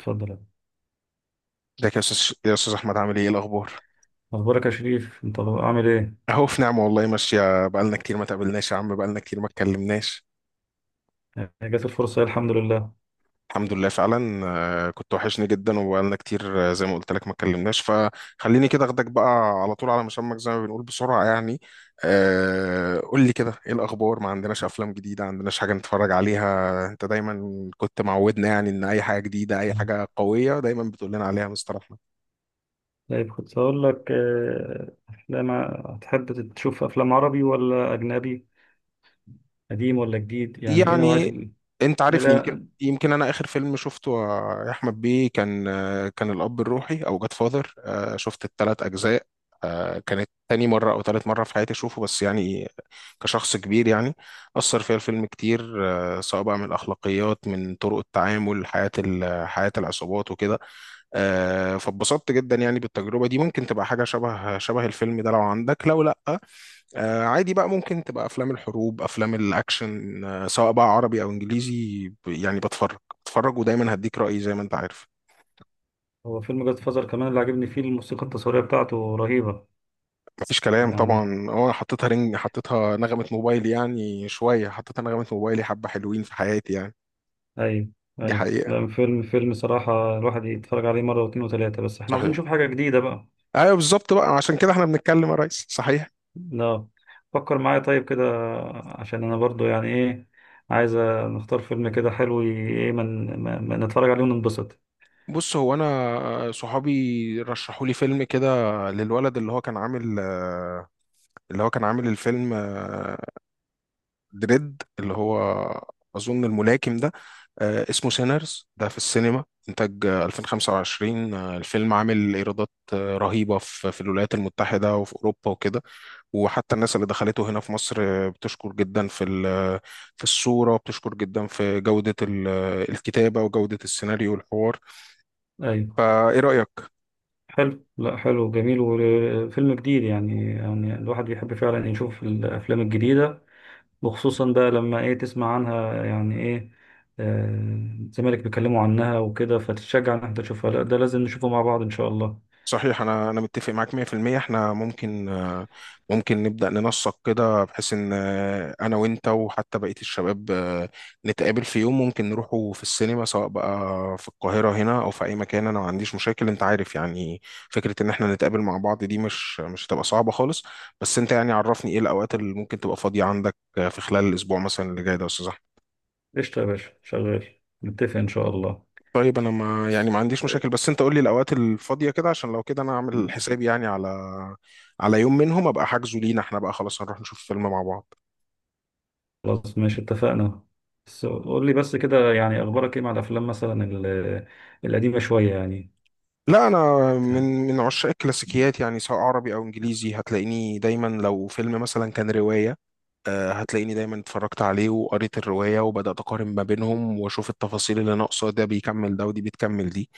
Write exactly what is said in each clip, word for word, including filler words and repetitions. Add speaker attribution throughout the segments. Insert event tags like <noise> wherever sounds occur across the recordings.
Speaker 1: اتفضل.
Speaker 2: ازيك يا استاذ يا استاذ احمد عامل ايه إيه الاخبار؟
Speaker 1: اخبارك يا شريف، انت عامل ايه؟
Speaker 2: اهو في نعمه والله ماشيه، بقالنا كتير ما تقابلناش يا عم، بقالنا كتير ما اتكلمناش.
Speaker 1: يعني جات الفرصه إيه؟ الحمد لله.
Speaker 2: الحمد لله فعلا. آه، كنت وحشني جدا وبقالنا كتير، آه، زي ما قلت لك ما اتكلمناش، فخليني كده اخدك بقى على طول على مسمك زي ما بنقول بسرعه يعني. آه، قول لي كده ايه الاخبار، ما عندناش افلام جديده، ما عندناش حاجه نتفرج عليها. انت دايما كنت معودنا يعني ان اي حاجه جديده اي حاجه قويه دايما بتقول لنا عليها مستر.
Speaker 1: طيب كنت هقول لك، آه، افلام، هتحب تشوف افلام عربي ولا اجنبي؟ قديم ولا جديد؟ يعني ايه نوعيه
Speaker 2: يعني
Speaker 1: ال...
Speaker 2: انت
Speaker 1: إيه؟
Speaker 2: عارفني، يمكن
Speaker 1: لا،
Speaker 2: يمكن انا اخر فيلم شفته يا احمد بيه كان كان الاب الروحي او جاد فاذر، شفت الثلاث اجزاء. آه، كانت تاني مرة أو تالت مرة في حياتي أشوفه بس يعني كشخص كبير يعني، أثر فيها الفيلم كتير. آه، سواء بقى من الأخلاقيات من طرق التعامل، حياة ال- حياة العصابات وكده. آه، فاتبسطت جدا يعني بالتجربة دي. ممكن تبقى حاجة شبه شبه الفيلم ده لو عندك، لو لأ آه عادي بقى. ممكن تبقى افلام الحروب، افلام الاكشن، آه سواء بقى عربي او انجليزي، ب- يعني بتفرج بتفرج، ودايما هديك رايي زي ما انت عارف.
Speaker 1: هو فيلم جاد فازر كمان اللي عجبني فيه الموسيقى التصويريه بتاعته رهيبه.
Speaker 2: مفيش كلام
Speaker 1: يعني
Speaker 2: طبعا. اه حطيتها رنج، حطيتها نغمه موبايلي يعني شويه، حطيتها نغمه موبايلي. حبه حلوين في حياتي يعني.
Speaker 1: ايوه.
Speaker 2: دي
Speaker 1: ايوه،
Speaker 2: حقيقه،
Speaker 1: لا فيلم فيلم صراحه الواحد يتفرج عليه مره واتنين وتلاته، بس احنا عاوزين
Speaker 2: صحيح.
Speaker 1: نشوف حاجه جديده بقى.
Speaker 2: ايوه بالظبط، بقى عشان كده احنا بنتكلم يا ريس، صحيح.
Speaker 1: لا، فكر معايا طيب كده، عشان انا برضو يعني ايه، عايز نختار فيلم كده حلو، ي- ايه، من من من نتفرج عليه وننبسط.
Speaker 2: بص هو انا، آه، صحابي رشحوا لي فيلم كده للولد اللي هو كان عامل آه، اللي هو كان عامل الفيلم، آه، دريد اللي هو اظن الملاكم ده. آه، اسمه سينرز ده في السينما، انتاج آه، الفين وخمسة وعشرين. آه، الفيلم عامل ايرادات آه، رهيبه في في الولايات المتحده وفي اوروبا وكده. وحتى الناس اللي دخلته هنا في مصر آه، بتشكر جدا في ال- في الصوره، بتشكر جدا في جوده ال- آه، الكتابه وجوده السيناريو والحوار.
Speaker 1: ايوه
Speaker 2: فايه رايك؟
Speaker 1: حلو، لا حلو جميل، وفيلم جديد يعني، يعني الواحد بيحب فعلا يشوف الافلام الجديدة، وخصوصا بقى لما ايه، تسمع عنها يعني ايه، آه، زمالك بيتكلموا عنها وكده فتتشجع ان انت تشوفها. لا ده لازم نشوفه مع بعض ان شاء الله.
Speaker 2: صحيح، انا انا متفق معاك مئة في المئة. احنا ممكن، آه، ممكن نبدا ننسق كده بحيث ان، آه، انا وانت وحتى بقيه الشباب، آه، نتقابل في يوم، ممكن نروحوا في السينما سواء بقى في القاهره هنا او في اي مكان، انا ما عنديش مشاكل انت عارف يعني. فكره ان احنا نتقابل مع بعض دي مش مش هتبقى صعبه خالص. بس انت يعني عرفني ايه الاوقات اللي ممكن تبقى فاضيه عندك آه، في خلال الاسبوع مثلا اللي جاي ده يا استاذ.
Speaker 1: قشطة يا باشا، شغال، نتفق ان شاء الله.
Speaker 2: طيب انا ما يعني ما عنديش مشاكل، بس انت قول لي الاوقات الفاضيه كده عشان لو كده انا اعمل حسابي يعني على، على يوم منهم ابقى حاجزه لينا، احنا بقى خلاص هنروح نشوف فيلم مع بعض.
Speaker 1: خلاص ماشي اتفقنا. بس قول لي بس كده، يعني اخبارك ايه مع الافلام مثلا ال- القديمه شويه يعني؟
Speaker 2: لا انا من من عشاق الكلاسيكيات يعني سواء عربي او انجليزي، هتلاقيني دايما لو فيلم مثلا كان روايه، آه، هتلاقيني دايما اتفرجت عليه وقريت الرواية وبدأت أقارن ما بينهم وأشوف التفاصيل اللي ناقصة، ده بيكمل ده ودي بتكمل دي.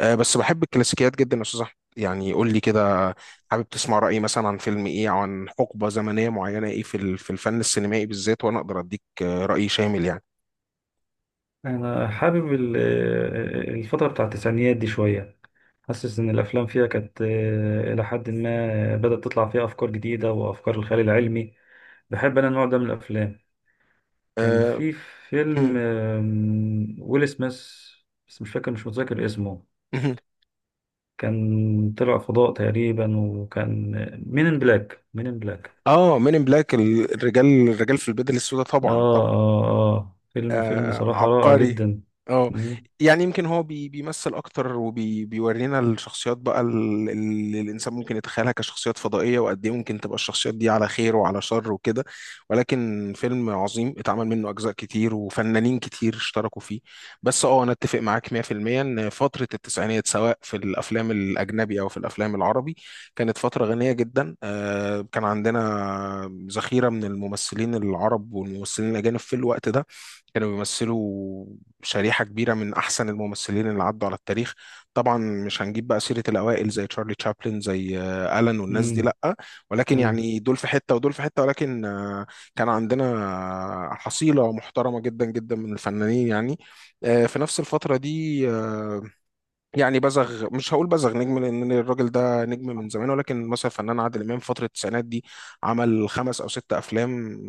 Speaker 2: آه، بس بحب الكلاسيكيات جدا يا أستاذ أحمد يعني. قول لي كده حابب تسمع رأيي مثلا عن فيلم إيه أو عن حقبة زمنية معينة إيه في ال- في الفن السينمائي بالذات، وأنا أقدر أديك آه، رأي شامل يعني.
Speaker 1: انا حابب ال- الفتره بتاع التسعينيات دي شويه، حاسس ان الافلام فيها كانت، آه، الى حد ما بدات تطلع فيها افكار جديده وافكار الخيال العلمي. بحب انا النوع ده من الافلام. كان
Speaker 2: آه
Speaker 1: في
Speaker 2: <laughs>
Speaker 1: فيلم،
Speaker 2: مم،
Speaker 1: آم، ويل سميث، بس مش فاكر، مش متذكر اسمه.
Speaker 2: مم.
Speaker 1: كان طلع فضاء تقريبا، وكان مين ان بلاك، مين ان بلاك.
Speaker 2: آه، مين إن بلاك، الرجال الرجال في البدل السوداء طبعا.
Speaker 1: اه. اه. اه فيلم فيلم
Speaker 2: آه
Speaker 1: صراحة رائع
Speaker 2: عبقري.
Speaker 1: جدا.
Speaker 2: اه
Speaker 1: مم.
Speaker 2: يعني يمكن هو بي بيمثل اكتر وبيورينا الشخصيات بقى ال- اللي الانسان ممكن يتخيلها كشخصيات فضائيه، وقد ايه ممكن تبقى الشخصيات دي على خير وعلى شر وكده. ولكن فيلم عظيم، اتعمل منه اجزاء كتير وفنانين كتير اشتركوا فيه. بس اه انا اتفق معاك مئة في المئة ان فتره التسعينات سواء في الافلام الاجنبي او في الافلام العربي كانت فتره غنيه جدا. آه كان عندنا ذخيره من الممثلين العرب والممثلين الاجانب في الوقت ده، كانوا بيمثلوا شريحة كبيرة من أحسن الممثلين اللي عدوا على التاريخ. طبعا مش هنجيب بقى سيرة الأوائل زي تشارلي تشابلن، زي آه، ألان والناس دي
Speaker 1: مم.
Speaker 2: لأ، ولكن
Speaker 1: مم.
Speaker 2: يعني دول في حتة ودول في حتة، ولكن آه، كان عندنا آه، حصيلة محترمة جدا جدا من الفنانين يعني. آه، في نفس الفترة دي، آه، يعني بزغ، مش هقول بزغ نجم لان الراجل ده نجم من زمان، ولكن مثلا فنان عادل امام في فتره التسعينات دي عمل خمس او ست افلام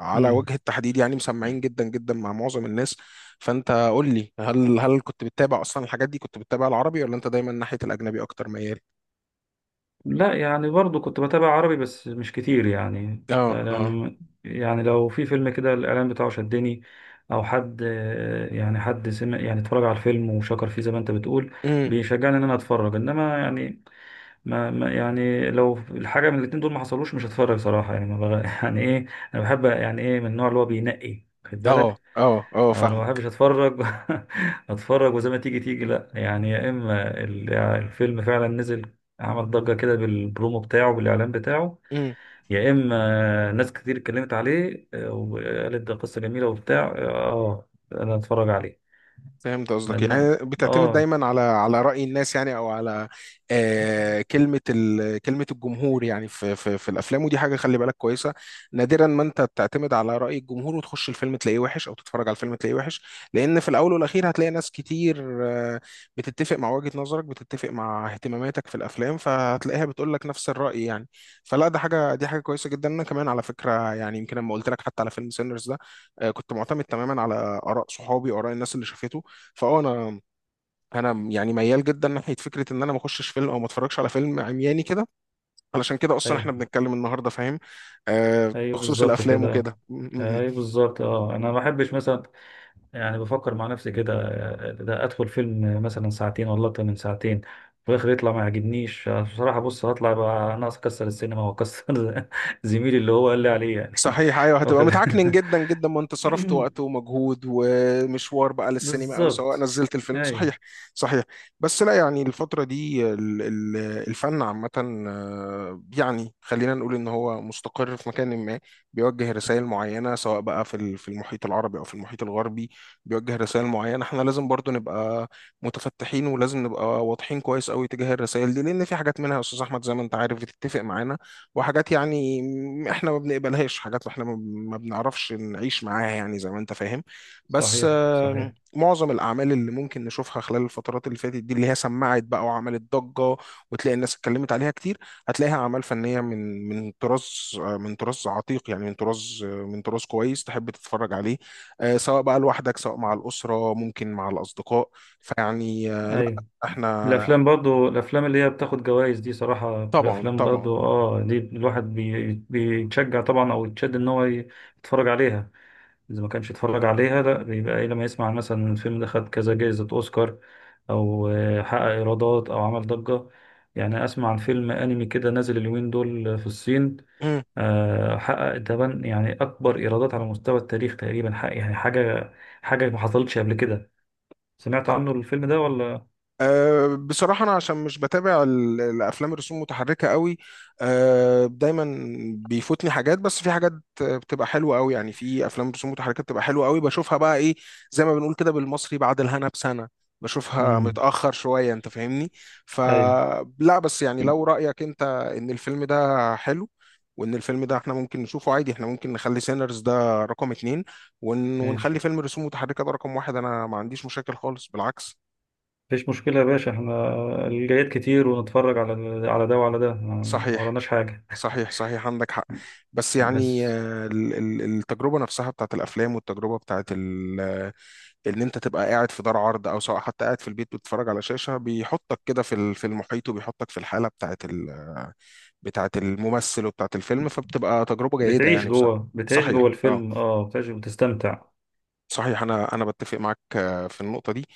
Speaker 2: على
Speaker 1: مم.
Speaker 2: وجه التحديد يعني، مسمعين جدا جدا مع معظم الناس. فانت قول لي، هل هل كنت بتتابع اصلا الحاجات دي؟ كنت بتتابع العربي ولا انت دايما ناحيه الاجنبي اكتر ميال؟
Speaker 1: لا يعني برضو كنت بتابع عربي بس مش كتير يعني،
Speaker 2: اه
Speaker 1: لا
Speaker 2: اه.
Speaker 1: لا. يعني لو في فيلم كده الإعلان بتاعه شدني، أو حد يعني، حد سمع، يعني اتفرج على الفيلم وشكر فيه زي ما أنت بتقول،
Speaker 2: امم
Speaker 1: بيشجعني إن أنا أتفرج. إنما يعني، ما ما- يعني لو الحاجة من الاتنين دول ما حصلوش مش هتفرج صراحة يعني ما بغ... <laughs> يعني إيه، أنا بحب يعني إيه، من النوع اللي هو بينقي، خد
Speaker 2: اه
Speaker 1: بالك،
Speaker 2: اه اه،
Speaker 1: انا ما
Speaker 2: فاهمك.
Speaker 1: بحبش اتفرج <laughs> اتفرج وزي ما تيجي تيجي. لا يعني، يا اما ال- الفيلم فعلا نزل، عمل ضجة كده بالبرومو بتاعه، بالاعلان بتاعه، يا اما ناس كتير اتكلمت عليه، آه، وقالت ده قصة جميلة وبتاع، اه، آه، انا اتفرج عليه.
Speaker 2: فهمت قصدك،
Speaker 1: لان،
Speaker 2: يعني بتعتمد
Speaker 1: اه،
Speaker 2: دايما على، على رأي الناس يعني او على آه كلمة ال... كلمة الجمهور يعني في في في الافلام، ودي حاجة خلي بالك كويسة. نادرا ما انت بتعتمد على رأي الجمهور وتخش الفيلم تلاقيه وحش، او تتفرج على الفيلم تلاقيه وحش، لان في الاول والاخير هتلاقي ناس كتير آه بتتفق مع وجهة نظرك، بتتفق مع اهتماماتك في الافلام، فهتلاقيها بتقول لك نفس الرأي يعني. فلا ده حاجة، دي حاجة كويسة جدا. انا كمان على فكرة يعني يمكن لما قلت لك حتى على فيلم سينرز ده، آه كنت معتمد تماما على آراء صحابي وآراء الناس اللي شافته. فاه انا، انا يعني ميال جدا ناحيه فكره ان انا ما اخشش فيلم او ما اتفرجش على فيلم عمياني كده، علشان كده اصلا احنا
Speaker 1: ايوه،
Speaker 2: بنتكلم النهارده فاهم. آه
Speaker 1: ايوه
Speaker 2: بخصوص
Speaker 1: بالظبط
Speaker 2: الافلام
Speaker 1: كده.
Speaker 2: وكده.
Speaker 1: آه، ايوه بالظبط، اه انا ما بحبش مثلا، يعني بفكر مع نفسي كده، آه، ده ادخل فيلم مثلا ساعتين ولا اكتر من ساعتين، في الاخر يطلع ما يعجبنيش. آه، بصراحه، بص هطلع بقى ناقص اكسر السينما واكسر <laughs> زميلي اللي هو قال لي عليه يعني
Speaker 2: صحيح، ايوه
Speaker 1: <laughs>
Speaker 2: هتبقى
Speaker 1: واخد.
Speaker 2: متعكنن جدا جدا، ما انت صرفت وقت
Speaker 1: <laughs>
Speaker 2: ومجهود ومشوار بقى للسينما او سواء
Speaker 1: بالظبط.
Speaker 2: نزلت الفيلم.
Speaker 1: ايوه.
Speaker 2: صحيح صحيح. بس لا يعني الفتره دي ال- ال- الفن عامه، آه، يعني خلينا نقول ان هو مستقر في مكان ما، بيوجه رسائل معينه سواء بقى في ال- في المحيط العربي او في المحيط الغربي. بيوجه رسائل معينه، احنا لازم برضو نبقى متفتحين ولازم نبقى واضحين كويس قوي تجاه الرسائل دي، لان في حاجات منها يا استاذ احمد زي ما انت عارف بتتفق معانا، وحاجات يعني م- احنا ما بنقبلهاش، حاجات احنا ما ما بنعرفش نعيش معاها يعني زي ما انت فاهم. بس
Speaker 1: صحيح
Speaker 2: آه،
Speaker 1: صحيح.
Speaker 2: معظم الاعمال اللي ممكن نشوفها خلال الفترات اللي فاتت دي اللي هي سمعت بقى وعملت ضجة وتلاقي الناس اتكلمت عليها كتير، هتلاقيها اعمال فنية من من طراز آه، من طراز عتيق يعني، من طراز آه، من طراز كويس تحب تتفرج عليه، آه، سواء بقى لوحدك، سواء مع الأسرة، ممكن مع الأصدقاء. فيعني آه، لا
Speaker 1: ايوه
Speaker 2: احنا
Speaker 1: الافلام برضو، الافلام اللي هي بتاخد جوائز دي صراحه بتبقى
Speaker 2: طبعا
Speaker 1: افلام
Speaker 2: طبعا.
Speaker 1: برضو اه دي الواحد بي- بيتشجع طبعا او يتشد ان هو ي- يتفرج عليها. إذا ما كانش اتفرج عليها، لا بيبقى إيه، لما يسمع مثلا إن الفيلم ده خد كذا جائزة أوسكار، أو آه، حقق إيرادات أو عمل ضجة. يعني أسمع عن فيلم أنمي كده نازل اليومين دول في الصين، آه، حقق تبان يعني أكبر إيرادات على مستوى التاريخ تقريبا، حق يعني حاجة، حاجة ما حصلتش قبل كده. سمعت عنه الفيلم ده ولا؟
Speaker 2: أه بصراحة، أنا عشان مش بتابع ال- الأفلام الرسوم متحركة قوي، أه دايما بيفوتني حاجات، بس في حاجات بتبقى حلوة قوي يعني، في أفلام رسوم متحركة بتبقى حلوة قوي بشوفها بقى إيه زي ما بنقول كده بالمصري، بعد الهنا بسنة بشوفها،
Speaker 1: مم.
Speaker 2: متأخر شوية أنت فاهمني.
Speaker 1: أيوه
Speaker 2: فلا بس يعني لو رأيك أنت إن الفيلم ده حلو وإن الفيلم ده إحنا ممكن نشوفه عادي، إحنا ممكن نخلي سينرز ده رقم اتنين ون- ونخلي
Speaker 1: ماشي،
Speaker 2: فيلم رسوم متحركة ده رقم واحد، أنا ما عنديش مشاكل خالص بالعكس.
Speaker 1: مفيش مشكلة يا باشا، احنا الجايات كتير، ونتفرج على على ده وعلى ده يعني، ما
Speaker 2: صحيح
Speaker 1: وراناش حاجة.
Speaker 2: صحيح، صحيح عندك حق. بس يعني
Speaker 1: بس
Speaker 2: آه، ال- ال- التجربة نفسها بتاعت الأفلام، والتجربة بتاعت ال- آه، إن أنت تبقى قاعد في دار عرض أو سواء حتى قاعد في البيت بتتفرج على شاشة، بيحطك كده في ال- في المحيط وبيحطك في الحالة بتاعت ال- بتاعت الممثل وبتاعت الفيلم، فبتبقى تجربة جيدة
Speaker 1: بتعيش
Speaker 2: يعني بصراحة.
Speaker 1: جوه، بتعيش جوه
Speaker 2: صحيح اه
Speaker 1: الفيلم، اه بتعيش، بتستمتع.
Speaker 2: صحيح، أنا أنا بتفق معاك آه، في النقطة دي.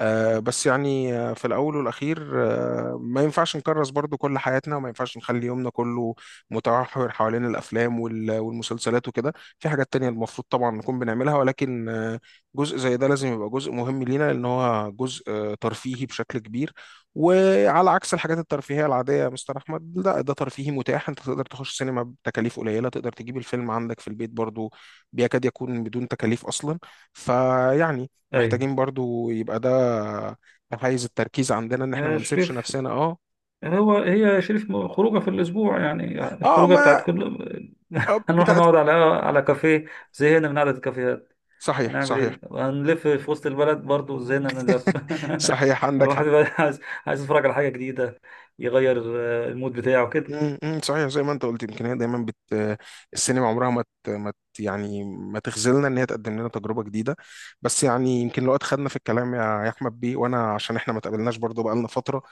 Speaker 2: آه، بس يعني آه، في الأول والأخير آه، ما ينفعش نكرس برضو كل حياتنا وما ينفعش نخلي يومنا كله متمحور حوالين الأفلام وال- والمسلسلات وكده. في حاجات تانية المفروض طبعا نكون بنعملها، ولكن آه، جزء زي ده لازم يبقى جزء مهم لينا، لأن هو جزء آه، ترفيهي بشكل كبير. وعلى عكس الحاجات الترفيهية العادية يا مستر أحمد، لا ده ترفيهي متاح، أنت تقدر تخش سينما بتكاليف قليلة، تقدر تجيب الفيلم عندك في البيت برضو بيكاد يكون بدون تكاليف أصلا. فيعني
Speaker 1: ايوه،
Speaker 2: محتاجين برضو يبقى ده حيز التركيز عندنا ان احنا
Speaker 1: آه،
Speaker 2: ما نسيبش
Speaker 1: شريف،
Speaker 2: نفسنا اه.
Speaker 1: هو هي شريف م- خروجه في الاسبوع يعني،
Speaker 2: اه
Speaker 1: الخروجه بتاعت
Speaker 2: ما
Speaker 1: كل
Speaker 2: آه،
Speaker 1: <laughs> هنروح
Speaker 2: بتاعت.
Speaker 1: نقعد على على كافيه، زهقنا من قعده الكافيهات.
Speaker 2: صحيح
Speaker 1: هنعمل
Speaker 2: صحيح،
Speaker 1: ايه، هنلف في وسط البلد، برضو زهقنا من اللف.
Speaker 2: صحيح
Speaker 1: <laughs>
Speaker 2: عندك
Speaker 1: الواحد
Speaker 2: حق.
Speaker 1: بقى عايز، عايز يتفرج على حاجه جديده، يغير آه، المود بتاعه كده.
Speaker 2: امم أمم، صحيح زي ما انت قلت، يمكن هي دايما بت، السينما عمرها ما ت... ما ت... يعني ما تخذلنا، ان هي تقدم لنا تجربه جديده. بس يعني يمكن لو اتخدنا في الكلام يا يا احمد بيه، وانا عشان احنا ما تقابلناش برضو بقالنا فتره،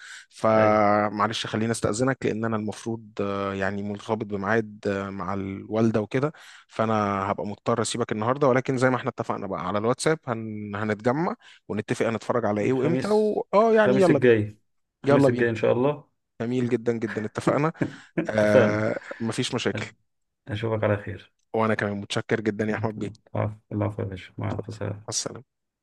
Speaker 1: ايوه.
Speaker 2: فمعلش خليني استاذنك لان انا المفروض آه، يعني مرتبط بميعاد آه، مع الوالده وكده. فانا هبقى مضطر اسيبك النهارده، ولكن زي ما احنا اتفقنا بقى على الواتساب هن... هنتجمع ونتفق هنتفرج على ايه وامتى
Speaker 1: الخميس،
Speaker 2: و... اه يعني
Speaker 1: الخميس
Speaker 2: يلا بينا.
Speaker 1: الجاي، الخميس
Speaker 2: يلا
Speaker 1: الجاي
Speaker 2: بينا،
Speaker 1: ان شاء الله.
Speaker 2: جميل جدا جدا، اتفقنا.
Speaker 1: اتفقنا.
Speaker 2: آه مفيش مشاكل.
Speaker 1: اشوفك على خير.
Speaker 2: وانا كمان متشكر جدا يا احمد بيه، مع
Speaker 1: العفو، العفو يا باشا، مع الف سلامة.
Speaker 2: السلامة.